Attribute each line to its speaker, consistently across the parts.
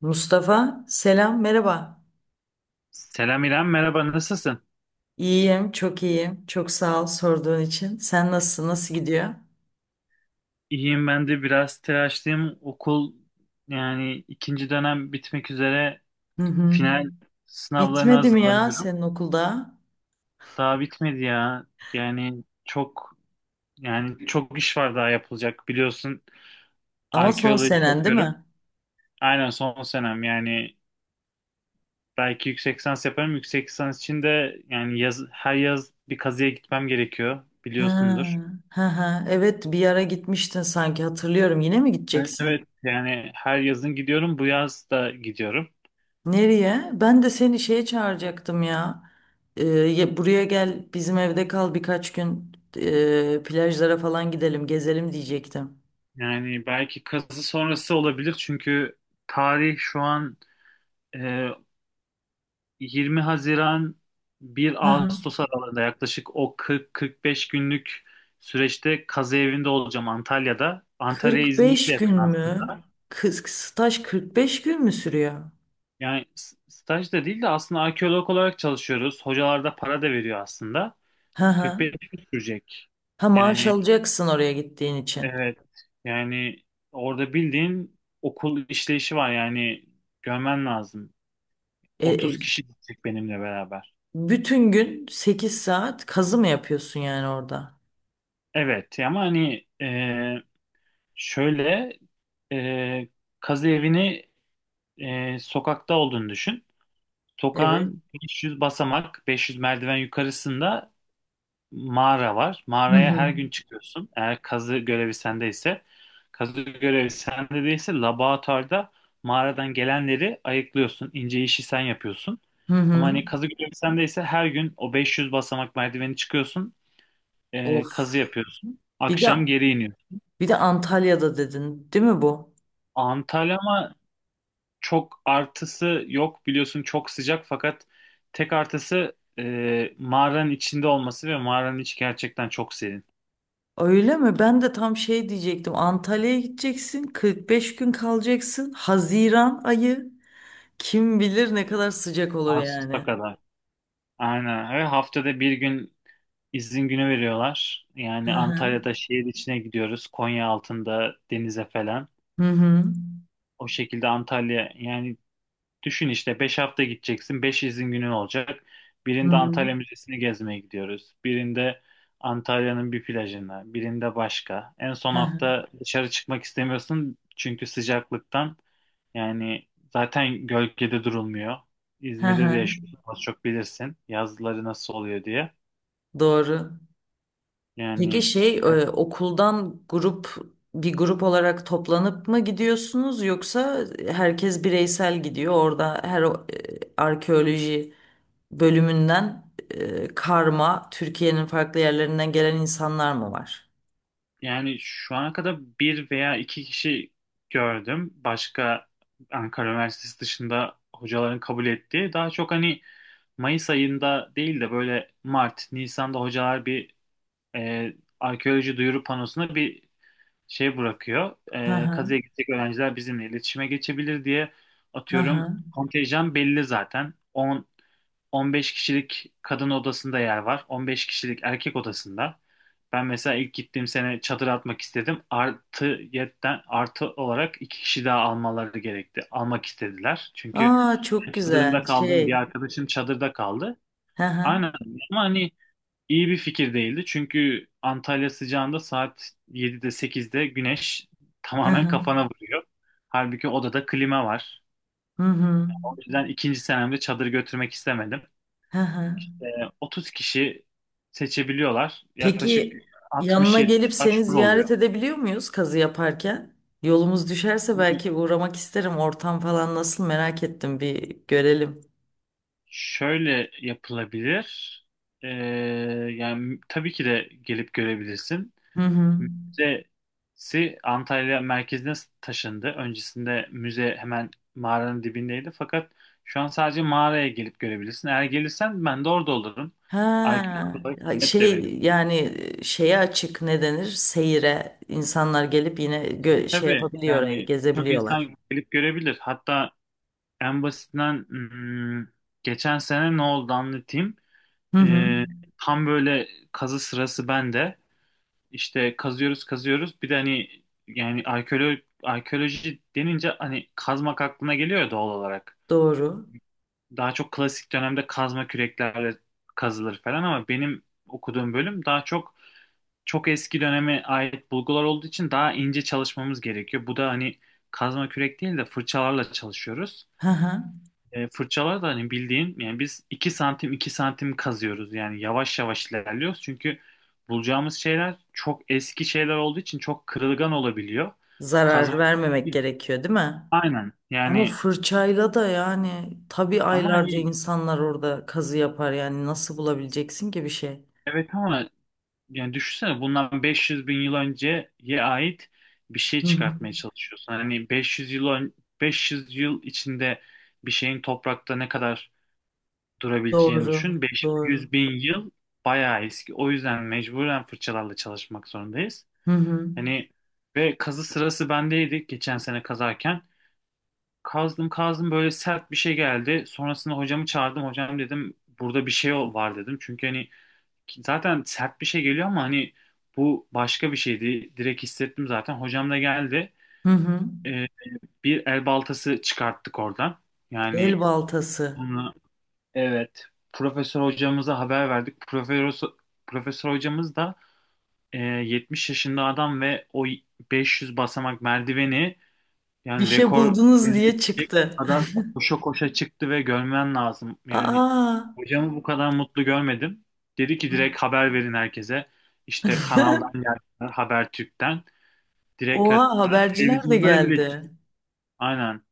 Speaker 1: Mustafa, selam, merhaba.
Speaker 2: Selam İrem, merhaba nasılsın?
Speaker 1: İyiyim, çok iyiyim. Çok sağ ol sorduğun için. Sen nasılsın, nasıl gidiyor?
Speaker 2: İyiyim ben de biraz telaşlıyım. Okul yani ikinci dönem bitmek üzere
Speaker 1: Hı hı.
Speaker 2: final sınavlarına
Speaker 1: Bitmedi mi ya
Speaker 2: hazırlanıyorum.
Speaker 1: senin okulda?
Speaker 2: Daha bitmedi ya. Yani çok yani çok iş var daha yapılacak. Biliyorsun
Speaker 1: Ama son
Speaker 2: arkeoloji
Speaker 1: senen değil
Speaker 2: okuyorum.
Speaker 1: mi?
Speaker 2: Aynen son senem yani belki yüksek lisans yaparım. Yüksek lisans için de yani her yaz bir kazıya gitmem gerekiyor
Speaker 1: Ha,
Speaker 2: biliyorsundur.
Speaker 1: ha, ha. Evet, bir ara gitmiştin sanki hatırlıyorum. Yine mi
Speaker 2: Evet
Speaker 1: gideceksin?
Speaker 2: evet yani her yazın gidiyorum bu yaz da gidiyorum.
Speaker 1: Nereye? Ben de seni şeye çağıracaktım ya. Buraya gel, bizim evde kal birkaç gün. Plajlara falan gidelim, gezelim diyecektim.
Speaker 2: Yani belki kazı sonrası olabilir çünkü tarih şu an e, 20 Haziran 1
Speaker 1: Hı hı.
Speaker 2: Ağustos aralığında yaklaşık o 40-45 günlük süreçte kazı evinde olacağım Antalya'da. Antalya
Speaker 1: Kırk
Speaker 2: İzmir'e de
Speaker 1: beş
Speaker 2: yakın
Speaker 1: gün mü?
Speaker 2: aslında.
Speaker 1: Kız staj 45 gün mü sürüyor?
Speaker 2: Yani staj da değil de aslında arkeolog olarak çalışıyoruz. Hocalar da para da veriyor aslında.
Speaker 1: Hı hı.
Speaker 2: 45 gün sürecek.
Speaker 1: Ha, maaş
Speaker 2: Yani
Speaker 1: alacaksın oraya gittiğin için.
Speaker 2: evet, yani orada bildiğin okul işleyişi var yani görmen lazım.
Speaker 1: E, e,
Speaker 2: 30 kişi gidecek benimle beraber.
Speaker 1: bütün gün 8 saat kazı mı yapıyorsun yani orada?
Speaker 2: Evet ama hani şöyle e, kazı evini sokakta olduğunu düşün.
Speaker 1: Evet.
Speaker 2: Sokağın 500 basamak, 500 merdiven yukarısında mağara var.
Speaker 1: Hı
Speaker 2: Mağaraya
Speaker 1: hı.
Speaker 2: her gün çıkıyorsun, eğer kazı görevi sendeyse. Kazı görevi sende değilse laboratuvarda mağaradan gelenleri ayıklıyorsun. İnce işi sen yapıyorsun.
Speaker 1: Hı
Speaker 2: Ama
Speaker 1: hı.
Speaker 2: hani kazı görevi sendeyse her gün o 500 basamak merdiveni çıkıyorsun.
Speaker 1: Of.
Speaker 2: Kazı yapıyorsun.
Speaker 1: Bir de
Speaker 2: Akşam geri iniyorsun.
Speaker 1: bir de Antalya'da dedin, değil mi bu?
Speaker 2: Antalya ama çok artısı yok, biliyorsun çok sıcak, fakat tek artısı mağaranın içinde olması ve mağaranın içi gerçekten çok serin.
Speaker 1: Öyle mi? Ben de tam şey diyecektim. Antalya'ya gideceksin, 45 gün kalacaksın. Haziran ayı kim bilir ne kadar sıcak olur
Speaker 2: Ağustos'a
Speaker 1: yani.
Speaker 2: kadar. Aynen. Ve haftada bir gün izin günü veriyorlar.
Speaker 1: Hı
Speaker 2: Yani
Speaker 1: hı.
Speaker 2: Antalya'da şehir içine gidiyoruz. Konya altında denize falan.
Speaker 1: Hı hı.
Speaker 2: O şekilde Antalya yani. Düşün işte 5 hafta gideceksin, 5 izin günün olacak.
Speaker 1: Hı
Speaker 2: Birinde
Speaker 1: hı.
Speaker 2: Antalya Müzesi'ni gezmeye gidiyoruz. Birinde Antalya'nın bir plajına. Birinde başka. En son
Speaker 1: Hı hı.
Speaker 2: hafta dışarı çıkmak istemiyorsun. Çünkü sıcaklıktan yani zaten gölgede durulmuyor.
Speaker 1: Hı
Speaker 2: İzmir'de de
Speaker 1: hı.
Speaker 2: yaşıyorsun. Az çok bilirsin yazları nasıl oluyor diye.
Speaker 1: Doğru. Peki
Speaker 2: Yani
Speaker 1: şey okuldan bir grup olarak toplanıp mı gidiyorsunuz, yoksa herkes bireysel gidiyor orada, her arkeoloji bölümünden karma Türkiye'nin farklı yerlerinden gelen insanlar mı var?
Speaker 2: yani şu ana kadar bir veya iki kişi gördüm. Başka, Ankara Üniversitesi dışında hocaların kabul ettiği. Daha çok hani Mayıs ayında değil de böyle Mart, Nisan'da hocalar bir e, arkeoloji duyuru panosuna bir şey bırakıyor.
Speaker 1: Hı
Speaker 2: E,
Speaker 1: hı.
Speaker 2: kazıya gidecek öğrenciler bizimle iletişime geçebilir diye.
Speaker 1: Hı
Speaker 2: Atıyorum,
Speaker 1: hı.
Speaker 2: kontenjan belli zaten. 10 15 kişilik kadın odasında yer var. 15 kişilik erkek odasında. Ben mesela ilk gittiğim sene çadır atmak istedim. Artı yetten artı olarak iki kişi daha almaları gerekti. Almak istediler. Çünkü
Speaker 1: Aa,
Speaker 2: ben
Speaker 1: çok güzel
Speaker 2: çadırımda kaldım, bir
Speaker 1: şey.
Speaker 2: arkadaşım çadırda kaldı.
Speaker 1: Hı hı.
Speaker 2: Aynen. Ama hani İyi bir fikir değildi. Çünkü Antalya sıcağında saat 7'de 8'de güneş
Speaker 1: Hı
Speaker 2: tamamen
Speaker 1: hı.
Speaker 2: kafana vuruyor. Halbuki odada klima var.
Speaker 1: Hı hı.
Speaker 2: O yüzden ikinci senemde çadır götürmek istemedim.
Speaker 1: Hı hı.
Speaker 2: Ee, 30 kişi seçebiliyorlar. Yaklaşık
Speaker 1: Peki
Speaker 2: altmış
Speaker 1: yanına
Speaker 2: 70
Speaker 1: gelip seni
Speaker 2: başvuru oluyor.
Speaker 1: ziyaret edebiliyor muyuz kazı yaparken? Yolumuz düşerse belki uğramak isterim. Ortam falan nasıl, merak ettim, bir görelim.
Speaker 2: Şöyle yapılabilir. Ee, yani tabii ki de gelip görebilirsin.
Speaker 1: Hı hı.
Speaker 2: Müzesi Antalya merkezine taşındı. Öncesinde müze hemen mağaranın dibindeydi. Fakat şu an sadece mağaraya gelip görebilirsin. Eğer gelirsen ben de orada olurum,
Speaker 1: Ha,
Speaker 2: arkeolog olarak hizmet de veririm.
Speaker 1: şey yani şeye açık ne denir? Seyire insanlar gelip yine
Speaker 2: Tabii
Speaker 1: şey
Speaker 2: tabii.
Speaker 1: yapabiliyor orayı,
Speaker 2: Yani çok
Speaker 1: gezebiliyorlar?
Speaker 2: insan gelip görebilir. Hatta en basitinden, geçen sene ne oldu anlatayım.
Speaker 1: Hı hı.
Speaker 2: Ee, tam böyle kazı sırası bende. İşte kazıyoruz kazıyoruz. Bir de hani yani arkeoloji denince hani kazmak aklına geliyor ya, doğal olarak.
Speaker 1: Doğru.
Speaker 2: Daha çok klasik dönemde kazma küreklerle kazılır falan ama benim okuduğum bölüm daha çok çok eski döneme ait bulgular olduğu için daha ince çalışmamız gerekiyor. Bu da hani kazma kürek değil de fırçalarla çalışıyoruz.
Speaker 1: Hı hı.
Speaker 2: Fırçalar da hani bildiğin yani biz 2 santim 2 santim kazıyoruz, yani yavaş yavaş ilerliyoruz çünkü bulacağımız şeyler çok eski şeyler olduğu için çok kırılgan olabiliyor.
Speaker 1: Zarar
Speaker 2: Kazma,
Speaker 1: vermemek gerekiyor, değil mi?
Speaker 2: aynen
Speaker 1: Ama
Speaker 2: yani.
Speaker 1: fırçayla da yani, tabii
Speaker 2: Ama
Speaker 1: aylarca
Speaker 2: hani
Speaker 1: insanlar orada kazı yapar, yani nasıl bulabileceksin ki bir şey?
Speaker 2: evet, ama yani düşünsene bundan 500 bin yıl önceye ait bir şey
Speaker 1: Hı hı.
Speaker 2: çıkartmaya çalışıyorsun. Hani 500 yıl 500 yıl içinde bir şeyin toprakta ne kadar durabileceğini
Speaker 1: Doğru,
Speaker 2: düşün.
Speaker 1: doğru.
Speaker 2: 500 bin yıl bayağı eski. O yüzden mecburen fırçalarla çalışmak zorundayız.
Speaker 1: Hı hı.
Speaker 2: Hani ve kazı sırası bendeydi geçen sene kazarken. Kazdım kazdım, böyle sert bir şey geldi. Sonrasında hocamı çağırdım. Hocam dedim, burada bir şey var dedim. Çünkü hani zaten sert bir şey geliyor ama hani bu başka bir şeydi. Direkt hissettim zaten. Hocam da geldi.
Speaker 1: Hı hı.
Speaker 2: Ee, bir el baltası çıkarttık oradan.
Speaker 1: El
Speaker 2: Yani,
Speaker 1: baltası.
Speaker 2: evet. Profesör hocamıza haber verdik. Profesör hocamız da 70 yaşında adam ve o 500 basamak merdiveni
Speaker 1: Bir
Speaker 2: yani
Speaker 1: şey
Speaker 2: rekor
Speaker 1: buldunuz diye
Speaker 2: denilebilecek
Speaker 1: çıktı.
Speaker 2: kadar koşa koşa çıktı ve görmen lazım. Yani
Speaker 1: Aa.
Speaker 2: hocamı bu kadar mutlu görmedim. Dedi ki direkt haber verin herkese. İşte kanaldan geldiler, Habertürk'ten. Direkt
Speaker 1: Oha,
Speaker 2: hatta
Speaker 1: haberciler de
Speaker 2: televizyonlara bile
Speaker 1: geldi.
Speaker 2: çıktı. Aynen.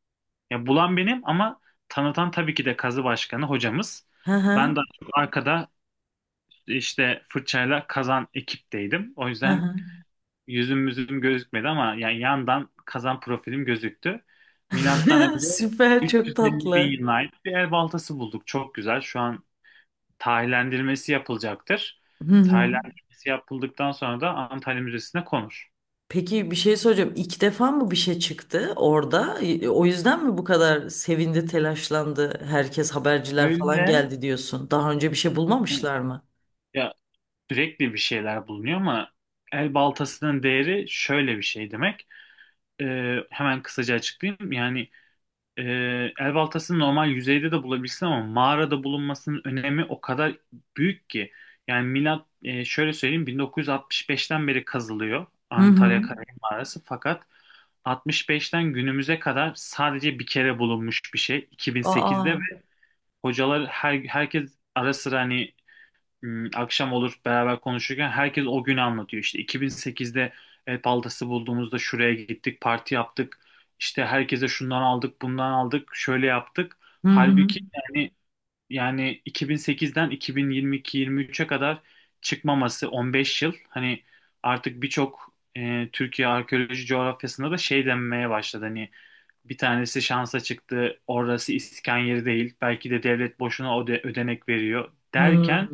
Speaker 2: Ya bulan benim ama tanıtan tabii ki de kazı başkanı hocamız.
Speaker 1: Hı
Speaker 2: Ben
Speaker 1: hı.
Speaker 2: daha çok arkada işte fırçayla kazan ekipteydim. O
Speaker 1: Hı
Speaker 2: yüzden
Speaker 1: hı.
Speaker 2: yüzüm gözükmedi ama yani yandan kazan profilim gözüktü. Milattan önce
Speaker 1: Süper, çok
Speaker 2: 350 bin
Speaker 1: tatlı.
Speaker 2: yılına ait bir el baltası bulduk. Çok güzel. Şu an tarihlendirmesi yapılacaktır.
Speaker 1: Hı hı.
Speaker 2: Tarihlendirmesi yapıldıktan sonra da Antalya Müzesi'ne konur.
Speaker 1: Peki bir şey soracağım. İlk defa mı bir şey çıktı orada? O yüzden mi bu kadar sevindi, telaşlandı? Herkes, haberciler falan
Speaker 2: Öyle
Speaker 1: geldi diyorsun. Daha önce bir şey bulmamışlar mı?
Speaker 2: ya, sürekli bir şeyler bulunuyor ama el baltasının değeri şöyle bir şey demek. Hemen kısaca açıklayayım. Yani el baltasını normal yüzeyde de bulabilirsin ama mağarada bulunmasının önemi o kadar büyük ki. Yani milat, şöyle söyleyeyim, 1965'ten beri kazılıyor
Speaker 1: Hı hı.
Speaker 2: Antalya Kaya Mağarası, fakat 65'ten günümüze kadar sadece bir kere bulunmuş bir şey, 2008'de.
Speaker 1: Aa.
Speaker 2: Ve hocalar, herkes ara sıra hani, akşam olur beraber konuşurken, herkes o günü anlatıyor. İşte 2008'de el baltası bulduğumuzda şuraya gittik, parti yaptık. İşte herkese şundan aldık, bundan aldık, şöyle yaptık.
Speaker 1: Hı hı.
Speaker 2: Halbuki yani, 2008'den 2022-23'e kadar çıkmaması 15 yıl. Hani artık birçok Türkiye arkeoloji coğrafyasında da şey denmeye başladı. Hani bir tanesi şansa çıktı, orası iskan yeri değil. Belki de devlet boşuna ödenek veriyor
Speaker 1: Hı hı.
Speaker 2: derken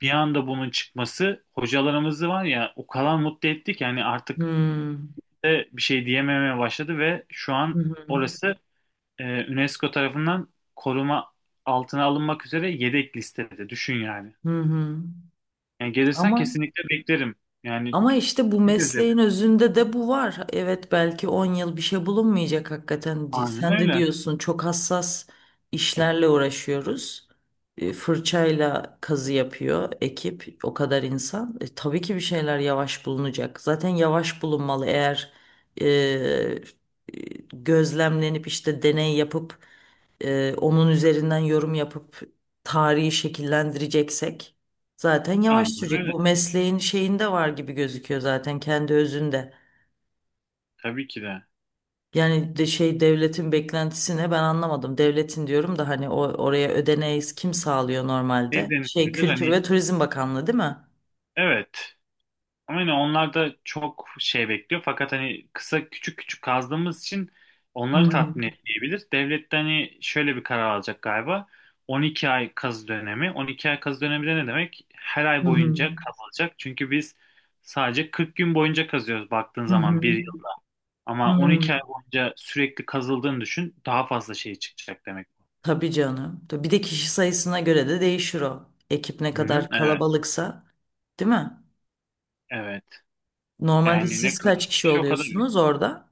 Speaker 2: bir anda bunun çıkması hocalarımızı var ya o kadar mutlu etti ki, hani
Speaker 1: Hı
Speaker 2: artık
Speaker 1: hı.
Speaker 2: de bir şey diyememeye başladı. Ve şu
Speaker 1: Hı
Speaker 2: an
Speaker 1: hı.
Speaker 2: orası e, UNESCO tarafından koruma altına alınmak üzere yedek listede. Düşün yani.
Speaker 1: Hı hı.
Speaker 2: Yani gelirsen
Speaker 1: Ama
Speaker 2: kesinlikle beklerim. Yani
Speaker 1: Ama işte bu
Speaker 2: kesinlikle de.
Speaker 1: mesleğin özünde de bu var. Evet, belki 10 yıl bir şey bulunmayacak hakikaten.
Speaker 2: Aynen
Speaker 1: Sen de
Speaker 2: öyle.
Speaker 1: diyorsun, çok hassas işlerle uğraşıyoruz. Fırçayla kazı yapıyor ekip, o kadar insan. Tabii ki bir şeyler yavaş bulunacak. Zaten yavaş bulunmalı, eğer e, e, gözlemlenip işte deney yapıp onun üzerinden yorum yapıp tarihi şekillendireceksek. Zaten yavaş
Speaker 2: Aynen
Speaker 1: sürecek.
Speaker 2: öyle.
Speaker 1: Bu mesleğin şeyinde var gibi gözüküyor zaten, kendi özünde.
Speaker 2: Tabii ki de.
Speaker 1: Yani de şey, devletin beklentisine ben anlamadım. Devletin diyorum da, hani o oraya ödeneği kim sağlıyor normalde?
Speaker 2: Şey
Speaker 1: Şey,
Speaker 2: denilebilir
Speaker 1: Kültür
Speaker 2: hani,
Speaker 1: ve Turizm Bakanlığı değil mi?
Speaker 2: evet. Aynen, onlar da çok şey bekliyor. Fakat hani kısa küçük küçük kazdığımız için onları
Speaker 1: Hmm.
Speaker 2: tatmin etmeyebilir. Devlet de hani şöyle bir karar alacak galiba. 12 ay kazı dönemi. 12 ay kazı dönemi de ne demek? Her
Speaker 1: Hı
Speaker 2: ay
Speaker 1: hı.
Speaker 2: boyunca kazılacak. Çünkü biz sadece 40 gün boyunca kazıyoruz baktığın
Speaker 1: Hı
Speaker 2: zaman, bir
Speaker 1: hı.
Speaker 2: yılda. Ama
Speaker 1: Hı.
Speaker 2: 12 ay boyunca sürekli kazıldığını düşün. Daha fazla şey çıkacak demek.
Speaker 1: Tabii canım. Tabii, bir de kişi sayısına göre de değişir o. Ekip ne
Speaker 2: Hı-hı,
Speaker 1: kadar
Speaker 2: evet,
Speaker 1: kalabalıksa, değil mi?
Speaker 2: evet.
Speaker 1: Normalde
Speaker 2: Yani ne
Speaker 1: siz
Speaker 2: kadar
Speaker 1: kaç
Speaker 2: çok
Speaker 1: kişi
Speaker 2: şey o kadar.
Speaker 1: oluyorsunuz orada?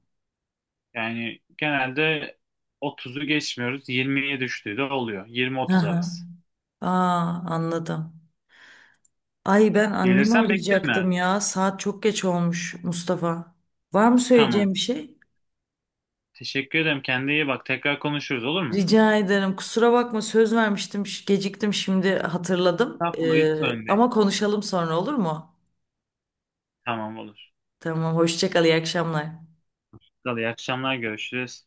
Speaker 2: Yani genelde 30'u geçmiyoruz. 20'ye düştüğü de oluyor.
Speaker 1: Hı
Speaker 2: 20-30
Speaker 1: hı.
Speaker 2: arası.
Speaker 1: Aa, anladım. Ay, ben annemi
Speaker 2: Gelirsen beklerim
Speaker 1: arayacaktım
Speaker 2: yani.
Speaker 1: ya. Saat çok geç olmuş Mustafa. Var mı
Speaker 2: Tamam.
Speaker 1: söyleyeceğim bir şey?
Speaker 2: Teşekkür ederim. Kendine iyi bak. Tekrar konuşuruz, olur mu?
Speaker 1: Rica ederim. Kusura bakma, söz vermiştim. Geciktim, şimdi hatırladım.
Speaker 2: Estağfurullah, hiç
Speaker 1: Ee,
Speaker 2: sorun değil.
Speaker 1: ama konuşalım sonra, olur mu?
Speaker 2: Tamam, olur.
Speaker 1: Tamam, hoşça kal, iyi akşamlar.
Speaker 2: İyi akşamlar, görüşürüz.